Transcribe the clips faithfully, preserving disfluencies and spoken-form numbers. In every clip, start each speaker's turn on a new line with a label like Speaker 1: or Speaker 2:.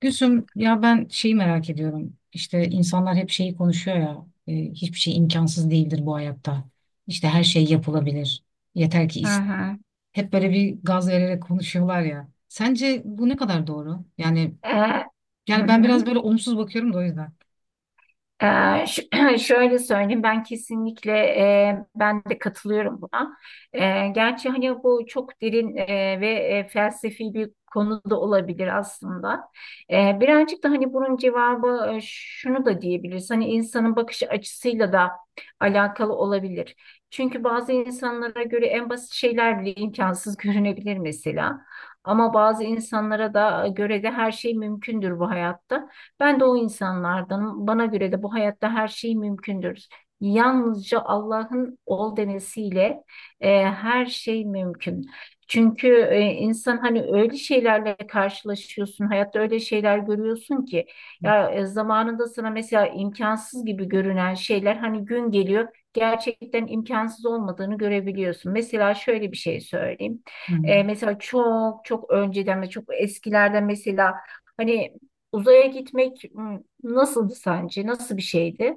Speaker 1: Gülsüm ya ben şeyi merak ediyorum. İşte insanlar hep şeyi konuşuyor ya. E, hiçbir şey imkansız değildir bu hayatta. İşte her şey yapılabilir. Yeter ki
Speaker 2: Hı
Speaker 1: ist-
Speaker 2: hı.
Speaker 1: Hep böyle bir gaz vererek konuşuyorlar ya. Sence bu ne kadar doğru? Yani
Speaker 2: Ee, hı
Speaker 1: yani ben biraz
Speaker 2: hı.
Speaker 1: böyle olumsuz bakıyorum da o yüzden.
Speaker 2: Ee, ş- Şöyle söyleyeyim, ben kesinlikle e, ben de katılıyorum buna. Ee, gerçi hani bu çok derin e, ve e, felsefi bir konu da olabilir aslında. Ee, birazcık da hani bunun cevabı e, şunu da diyebiliriz. Hani insanın bakış açısıyla da alakalı olabilir. Çünkü bazı insanlara göre en basit şeyler bile imkansız görünebilir mesela. Ama bazı insanlara da göre de her şey mümkündür bu hayatta. Ben de o insanlardanım. Bana göre de bu hayatta her şey mümkündür. Yalnızca Allah'ın ol demesiyle e, her şey mümkün. Çünkü e, insan hani öyle şeylerle karşılaşıyorsun, hayatta öyle şeyler görüyorsun ki ya e, zamanında sana mesela imkansız gibi görünen şeyler hani gün geliyor gerçekten imkansız olmadığını görebiliyorsun. Mesela şöyle bir şey söyleyeyim.
Speaker 1: Hı.
Speaker 2: E, mesela çok çok önceden ve çok eskilerden mesela hani uzaya gitmek m, nasıldı sence? Nasıl bir şeydi?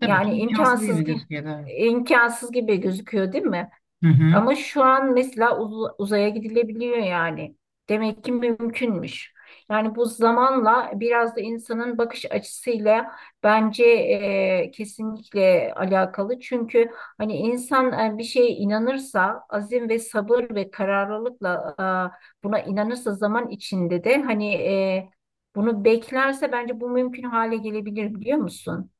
Speaker 1: Tabii ki
Speaker 2: Yani
Speaker 1: imkansız
Speaker 2: imkansız
Speaker 1: gibi
Speaker 2: gi-
Speaker 1: gözüküyor da. Evet.
Speaker 2: imkansız gibi gözüküyor, değil mi?
Speaker 1: Hı hı.
Speaker 2: Ama şu an mesela uz- uzaya gidilebiliyor yani. Demek ki mümkünmüş. Yani bu zamanla biraz da insanın bakış açısıyla bence e, kesinlikle alakalı. Çünkü hani insan e, bir şeye inanırsa, azim ve sabır ve kararlılıkla e, buna inanırsa zaman içinde de hani e, bunu beklerse bence bu mümkün hale gelebilir, biliyor musun?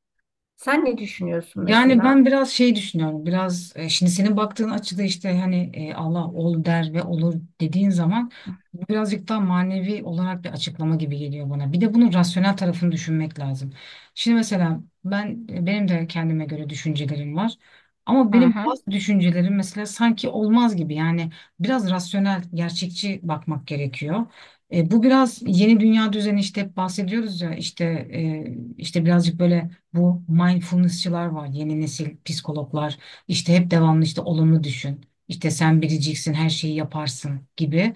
Speaker 2: Sen ne düşünüyorsun
Speaker 1: Yani
Speaker 2: mesela?
Speaker 1: ben biraz şey düşünüyorum. Biraz e, şimdi senin baktığın açıda işte hani e, Allah ol der ve olur dediğin zaman bu birazcık daha manevi olarak bir açıklama gibi geliyor bana. Bir de bunun rasyonel tarafını düşünmek lazım. Şimdi mesela ben e, benim de kendime göre düşüncelerim var. Ama
Speaker 2: Hı
Speaker 1: benim
Speaker 2: hı,
Speaker 1: bazı düşüncelerim mesela sanki olmaz gibi. Yani biraz rasyonel, gerçekçi bakmak gerekiyor. E, bu biraz yeni dünya düzeni işte hep bahsediyoruz ya işte e, işte birazcık böyle bu mindfulnessçılar var. Yeni nesil psikologlar işte hep devamlı işte olumlu düşün. İşte sen biriciksin, her şeyi yaparsın gibi.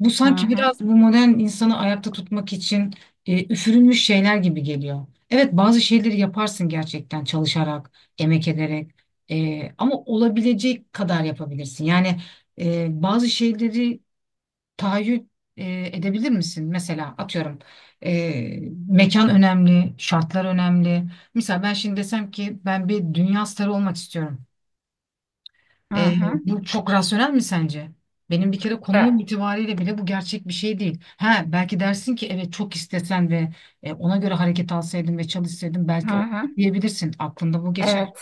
Speaker 1: Bu
Speaker 2: hı
Speaker 1: sanki
Speaker 2: hı,
Speaker 1: biraz bu modern insanı ayakta tutmak için e, üfürülmüş şeyler gibi geliyor. Evet, bazı şeyleri yaparsın gerçekten çalışarak, emek ederek. E, ama olabilecek kadar yapabilirsin. Yani e, bazı şeyleri tahayyül e, edebilir misin? Mesela atıyorum e, mekan önemli, şartlar önemli. Mesela ben şimdi desem ki ben bir dünya starı olmak istiyorum.
Speaker 2: hı
Speaker 1: E,
Speaker 2: hı.
Speaker 1: bu çok rasyonel mi sence? Benim bir kere
Speaker 2: E,
Speaker 1: konumum itibariyle bile bu gerçek bir şey değil. Ha belki dersin ki evet çok istesen ve e, ona göre hareket alsaydın ve çalışsaydın
Speaker 2: hı
Speaker 1: belki o
Speaker 2: hı.
Speaker 1: diyebilirsin. Aklında bu geçer.
Speaker 2: Evet.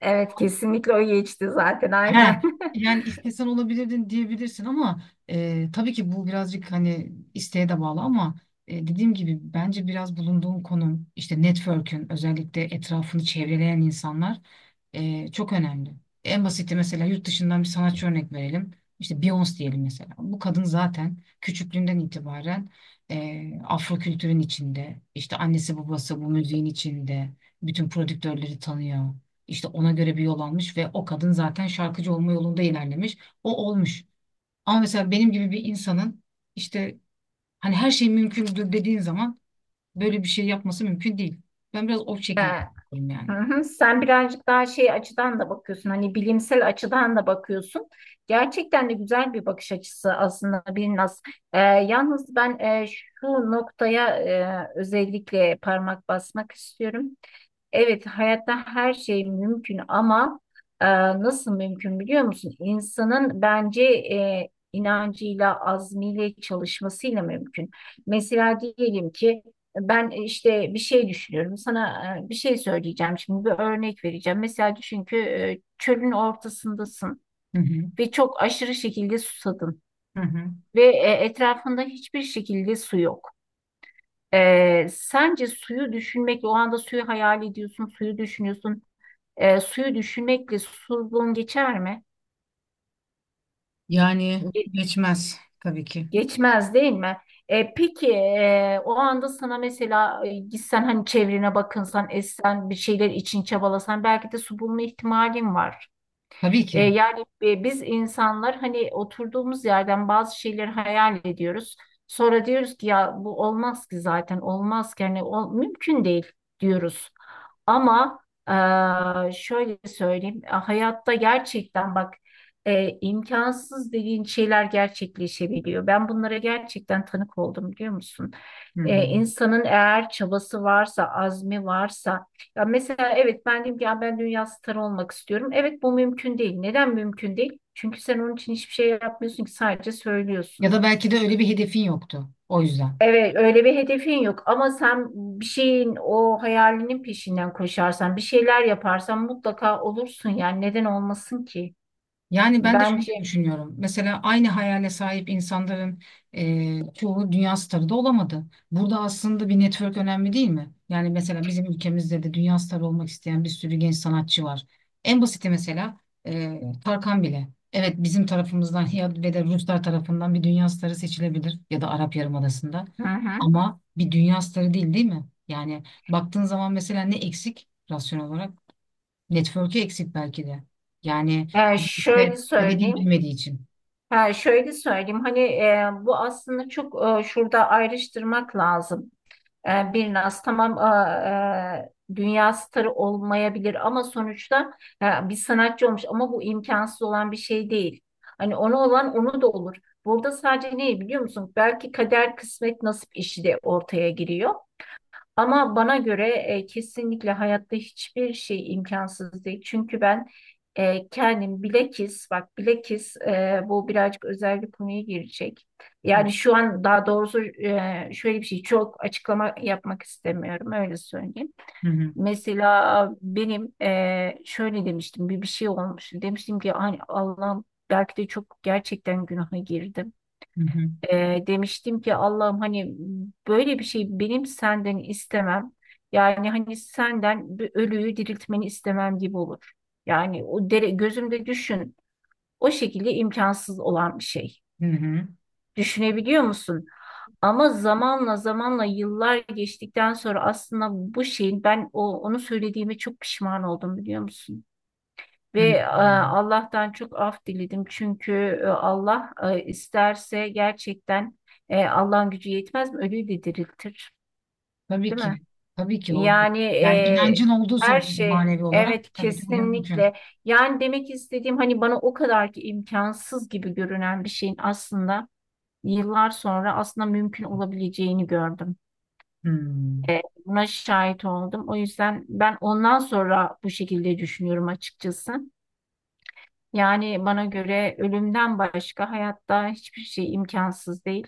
Speaker 2: Evet, kesinlikle o geçti zaten,
Speaker 1: He,
Speaker 2: aynen.
Speaker 1: yani istesen olabilirdin diyebilirsin ama e, tabii ki bu birazcık hani isteğe de bağlı ama e, dediğim gibi bence biraz bulunduğun konum işte network'ün özellikle etrafını çevreleyen insanlar e, çok önemli. En basiti mesela yurt dışından bir sanatçı örnek verelim. İşte Beyoncé diyelim mesela. Bu kadın zaten küçüklüğünden itibaren e, Afro kültürün içinde, işte annesi babası bu müziğin içinde, bütün prodüktörleri tanıyor. İşte ona göre bir yol almış ve o kadın zaten şarkıcı olma yolunda ilerlemiş. O olmuş. Ama mesela benim gibi bir insanın işte hani her şey mümkündür dediğin zaman böyle bir şey yapması mümkün değil. Ben biraz o şekilde
Speaker 2: Ha,
Speaker 1: düşünüyorum yani.
Speaker 2: hı hı. Sen birazcık daha şey açıdan da bakıyorsun. Hani bilimsel açıdan da bakıyorsun. Gerçekten de güzel bir bakış açısı aslında Birnaz. Ee, yalnız ben e, şu noktaya e, özellikle parmak basmak istiyorum. Evet, hayatta her şey mümkün ama e, nasıl mümkün biliyor musun? İnsanın bence e, inancıyla, azmiyle, çalışmasıyla mümkün. Mesela diyelim ki ben e, işte bir şey düşünüyorum. Sana e, bir şey söyleyeceğim şimdi, bir örnek vereceğim. Mesela düşün ki e, çölün ortasındasın
Speaker 1: Hı hı.
Speaker 2: ve çok aşırı şekilde susadın
Speaker 1: Hı hı.
Speaker 2: ve e, etrafında hiçbir şekilde su yok. E, sence suyu düşünmekle o anda suyu hayal ediyorsun, suyu düşünüyorsun. E, suyu düşünmekle susuzluğun geçer mi?
Speaker 1: Yani geçmez tabii ki.
Speaker 2: Geçmez değil mi? E, peki e, o anda sana mesela e, gitsen hani çevrene bakınsan, etsen, bir şeyler için çabalasan belki de su bulma ihtimalin var.
Speaker 1: Tabii
Speaker 2: E,
Speaker 1: ki.
Speaker 2: yani e, biz insanlar hani oturduğumuz yerden bazı şeyleri hayal ediyoruz. Sonra diyoruz ki ya bu olmaz ki zaten, olmaz ki hani ol- mümkün değil diyoruz. Ama e, şöyle söyleyeyim, e, hayatta gerçekten bak, e, imkansız dediğin şeyler gerçekleşebiliyor. Ben bunlara gerçekten tanık oldum, biliyor musun?
Speaker 1: Hı.
Speaker 2: E, insanın eğer çabası varsa, azmi varsa, ya mesela evet ben diyeyim ki ya ben dünya starı olmak istiyorum. Evet, bu mümkün değil. Neden mümkün değil? Çünkü sen onun için hiçbir şey yapmıyorsun ki, sadece
Speaker 1: Ya
Speaker 2: söylüyorsun.
Speaker 1: da belki de öyle bir hedefin yoktu. O yüzden.
Speaker 2: Evet öyle bir hedefin yok ama sen bir şeyin, o hayalinin peşinden koşarsan, bir şeyler yaparsan mutlaka olursun yani, neden olmasın ki?
Speaker 1: Yani ben de şöyle
Speaker 2: Bence
Speaker 1: düşünüyorum. Mesela aynı hayale sahip insanların e, çoğu dünya starı da olamadı. Burada aslında bir network önemli değil mi? Yani mesela bizim ülkemizde de dünya starı olmak isteyen bir sürü genç sanatçı var. En basiti mesela e, Tarkan bile. Evet, bizim tarafımızdan ya ve de Ruslar tarafından bir dünya starı seçilebilir ya da Arap Yarımadası'nda.
Speaker 2: hı hı.
Speaker 1: Ama bir dünya starı değil, değil mi? Yani baktığın zaman mesela ne eksik rasyonel olarak? Network'ü eksik belki de. Yani
Speaker 2: Ee, şöyle
Speaker 1: işte ya da dil
Speaker 2: söyleyeyim.
Speaker 1: bilmediği için.
Speaker 2: Ha, şöyle söyleyeyim hani e, bu aslında çok e, şurada ayrıştırmak lazım. E, bir Naz tamam a- e, dünya starı olmayabilir ama sonuçta e, bir sanatçı olmuş ama bu imkansız olan bir şey değil. Hani onu olan onu da olur. Burada sadece ne biliyor musun? Belki kader, kısmet, nasip işi de ortaya giriyor. Ama bana göre e, kesinlikle hayatta hiçbir şey imkansız değil. Çünkü ben e, kendim bilekis, bak bilekis, e, bu birazcık özel bir konuya girecek. Yani şu an daha doğrusu e, şöyle bir şey, çok açıklama yapmak istemiyorum öyle söyleyeyim.
Speaker 1: Hı hı
Speaker 2: Mesela benim e, şöyle demiştim, bir, bir şey olmuş. Demiştim ki hani Allah'ım, belki de çok gerçekten günaha girdim.
Speaker 1: hı hı
Speaker 2: Ee, demiştim ki Allah'ım hani böyle bir şey benim senden istemem. Yani hani senden bir ölüyü diriltmeni istemem gibi olur. Yani o dere, gözümde düşün. O şekilde imkansız olan bir şey.
Speaker 1: hı hı.
Speaker 2: Düşünebiliyor musun? Ama zamanla, zamanla yıllar geçtikten sonra aslında bu şeyin ben o onu söylediğime çok pişman oldum, biliyor musun?
Speaker 1: Hı
Speaker 2: Ve
Speaker 1: hı.
Speaker 2: e, Allah'tan çok af diledim çünkü e, Allah e, isterse gerçekten e, Allah'ın gücü yetmez mi? Ölüyü de diriltir,
Speaker 1: Tabii
Speaker 2: değil mi?
Speaker 1: ki. Tabii ki o.
Speaker 2: Yani
Speaker 1: Yani
Speaker 2: e,
Speaker 1: inancın olduğu
Speaker 2: her
Speaker 1: sürece
Speaker 2: şey,
Speaker 1: manevi olarak
Speaker 2: evet
Speaker 1: tabii ki bugün mümkün.
Speaker 2: kesinlikle. Yani demek istediğim hani bana o kadar ki imkansız gibi görünen bir şeyin aslında yıllar sonra aslında mümkün olabileceğini gördüm.
Speaker 1: Hı.
Speaker 2: E, buna şahit oldum. O yüzden ben ondan sonra bu şekilde düşünüyorum açıkçası. Yani bana göre ölümden başka hayatta hiçbir şey imkansız değil.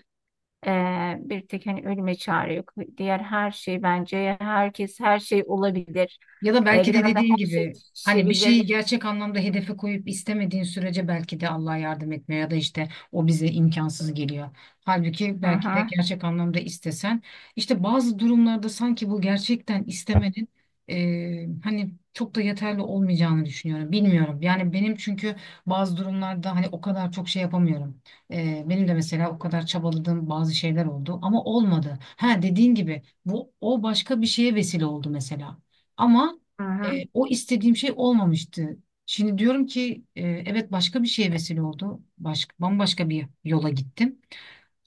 Speaker 2: Ee, bir tek hani ölüme çare yok. Diğer her şey, bence herkes her şey olabilir.
Speaker 1: Ya da
Speaker 2: Ee,
Speaker 1: belki
Speaker 2: bir
Speaker 1: de
Speaker 2: anda
Speaker 1: dediğin
Speaker 2: her şey
Speaker 1: gibi hani bir şeyi
Speaker 2: değişebilir.
Speaker 1: gerçek anlamda hedefe koyup istemediğin sürece belki de Allah yardım etmiyor ya da işte o bize imkansız geliyor. Halbuki
Speaker 2: Hı
Speaker 1: belki de
Speaker 2: hı,
Speaker 1: gerçek anlamda istesen işte bazı durumlarda sanki bu gerçekten istemenin eee, hani çok da yeterli olmayacağını düşünüyorum. Bilmiyorum yani, benim çünkü bazı durumlarda hani o kadar çok şey yapamıyorum. Eee, benim de mesela o kadar çabaladığım bazı şeyler oldu ama olmadı. Ha, dediğin gibi bu o başka bir şeye vesile oldu mesela. Ama
Speaker 2: hı hı.
Speaker 1: e, o istediğim şey olmamıştı. Şimdi diyorum ki e, evet başka bir şeye vesile oldu. Başka, bambaşka bir yola gittim.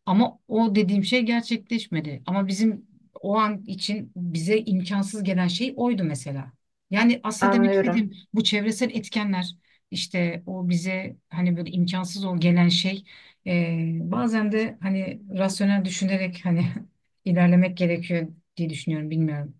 Speaker 1: Ama o dediğim şey gerçekleşmedi. Ama bizim o an için bize imkansız gelen şey oydu mesela. Yani aslında demek
Speaker 2: Anlıyorum.
Speaker 1: istediğim bu çevresel etkenler işte o bize hani böyle imkansız o gelen şey e, bazen de hani rasyonel düşünerek hani ilerlemek gerekiyor diye düşünüyorum, bilmiyorum.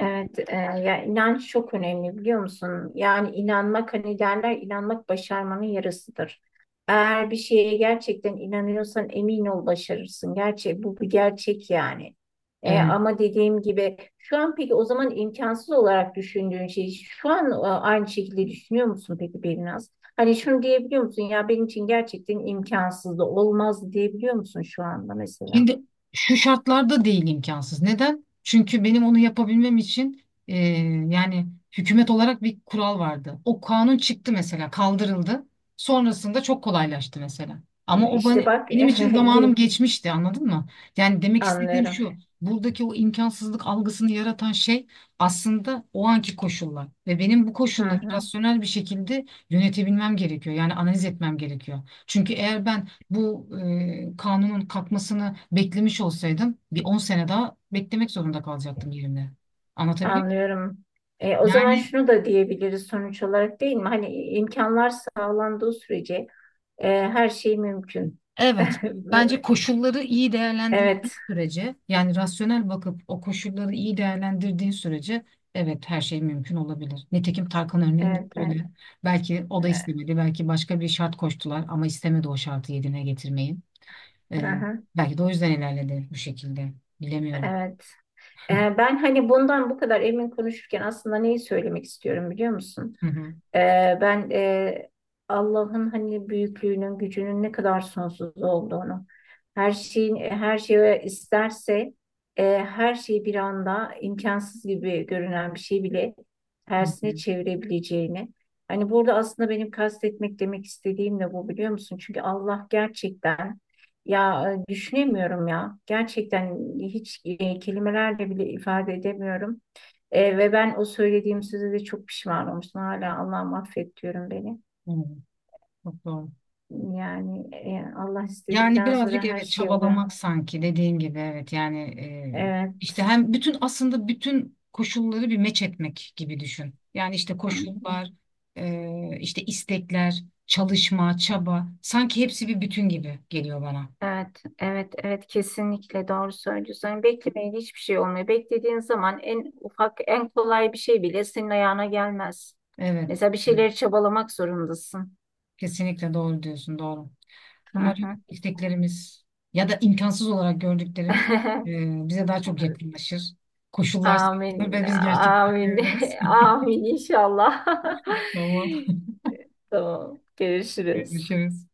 Speaker 2: Evet, e, ya inanç çok önemli biliyor musun? Yani inanmak, hani derler, inanmak başarmanın yarısıdır. Eğer bir şeye gerçekten inanıyorsan emin ol başarırsın. Gerçek bu, bir gerçek yani. E,
Speaker 1: Evet.
Speaker 2: ama dediğim gibi şu an peki o zaman imkansız olarak düşündüğün şey şu an e, aynı şekilde düşünüyor musun peki Berinaz? Hani şunu diyebiliyor musun ya benim için gerçekten imkansız olmaz diyebiliyor musun şu anda mesela?
Speaker 1: Şimdi şu şartlarda değil imkansız. Neden? Çünkü benim onu yapabilmem için e, yani hükümet olarak bir kural vardı. O kanun çıktı mesela, kaldırıldı. Sonrasında çok kolaylaştı mesela. Ama o
Speaker 2: İşte
Speaker 1: bana,
Speaker 2: bak
Speaker 1: benim için zamanım
Speaker 2: yine
Speaker 1: geçmişti, anladın mı? Yani demek istediğim
Speaker 2: anlıyorum.
Speaker 1: şu, buradaki o imkansızlık algısını yaratan şey aslında o anki koşullar. Ve benim bu
Speaker 2: Hı
Speaker 1: koşulları
Speaker 2: hı.
Speaker 1: rasyonel bir şekilde yönetebilmem gerekiyor. Yani analiz etmem gerekiyor. Çünkü eğer ben bu e, kanunun kalkmasını beklemiş olsaydım bir on sene daha beklemek zorunda kalacaktım yerimde. Anlatabiliyor muyum?
Speaker 2: Anlıyorum. E, o zaman
Speaker 1: Yani
Speaker 2: şunu da diyebiliriz sonuç olarak değil mi? Hani imkanlar sağlandığı sürece e, her şey mümkün.
Speaker 1: evet, bence koşulları iyi değerlendirdiğin
Speaker 2: Evet,
Speaker 1: sürece yani rasyonel bakıp o koşulları iyi değerlendirdiğin sürece evet her şey mümkün olabilir. Nitekim Tarkan örneğinde
Speaker 2: evet, evet.
Speaker 1: öyle. Belki o da istemedi. Belki başka bir şart koştular ama istemedi o şartı yerine getirmeyi. E,
Speaker 2: Aha,
Speaker 1: belki de o yüzden ilerledi bu şekilde. Bilemiyorum.
Speaker 2: evet. E, ben hani bundan bu kadar emin konuşurken aslında neyi söylemek istiyorum biliyor musun?
Speaker 1: Hı hı.
Speaker 2: Ee, ben e, Allah'ın hani büyüklüğünün, gücünün ne kadar sonsuz olduğunu, her şeyin her şeye isterse e, her şeyi bir anda imkansız gibi görünen bir şey bile
Speaker 1: Hı
Speaker 2: tersine
Speaker 1: hı.
Speaker 2: çevirebileceğini. Hani burada aslında benim kastetmek demek istediğim de bu, biliyor musun? Çünkü Allah gerçekten ya e, düşünemiyorum ya. Gerçekten hiç e, kelimelerle bile ifade edemiyorum. E, ve ben o söylediğim sözü de çok pişman olmuştum. Hala Allah'ım affet diyorum beni.
Speaker 1: Evet, çok doğru.
Speaker 2: Yani e, Allah
Speaker 1: Yani
Speaker 2: istedikten sonra
Speaker 1: birazcık
Speaker 2: her
Speaker 1: evet
Speaker 2: şey oluyor.
Speaker 1: çabalamak sanki dediğin gibi, evet, yani e, işte
Speaker 2: Evet.
Speaker 1: hem bütün aslında bütün koşulları bir meç etmek gibi düşün. Yani işte
Speaker 2: Hı hı.
Speaker 1: koşullar, e, işte istekler, çalışma, çaba sanki hepsi bir bütün gibi geliyor bana.
Speaker 2: Evet, evet, evet kesinlikle doğru söylüyorsun. Yani beklemeyle hiçbir şey olmuyor. Beklediğin zaman en ufak, en kolay bir şey bile senin ayağına gelmez.
Speaker 1: Evet,
Speaker 2: Mesela bir
Speaker 1: evet,
Speaker 2: şeyleri çabalamak zorundasın.
Speaker 1: kesinlikle doğru diyorsun, doğru.
Speaker 2: Hı
Speaker 1: Umarım
Speaker 2: hı.
Speaker 1: isteklerimiz ya da imkansız olarak gördüklerimiz e, bize daha çok yakınlaşır. Koşullar sağlanır
Speaker 2: Amin.
Speaker 1: ve biz
Speaker 2: Amin.
Speaker 1: gerçekleştirebiliriz.
Speaker 2: Amin inşallah.
Speaker 1: Tamam,
Speaker 2: Tamam. Görüşürüz.
Speaker 1: görüşürüz.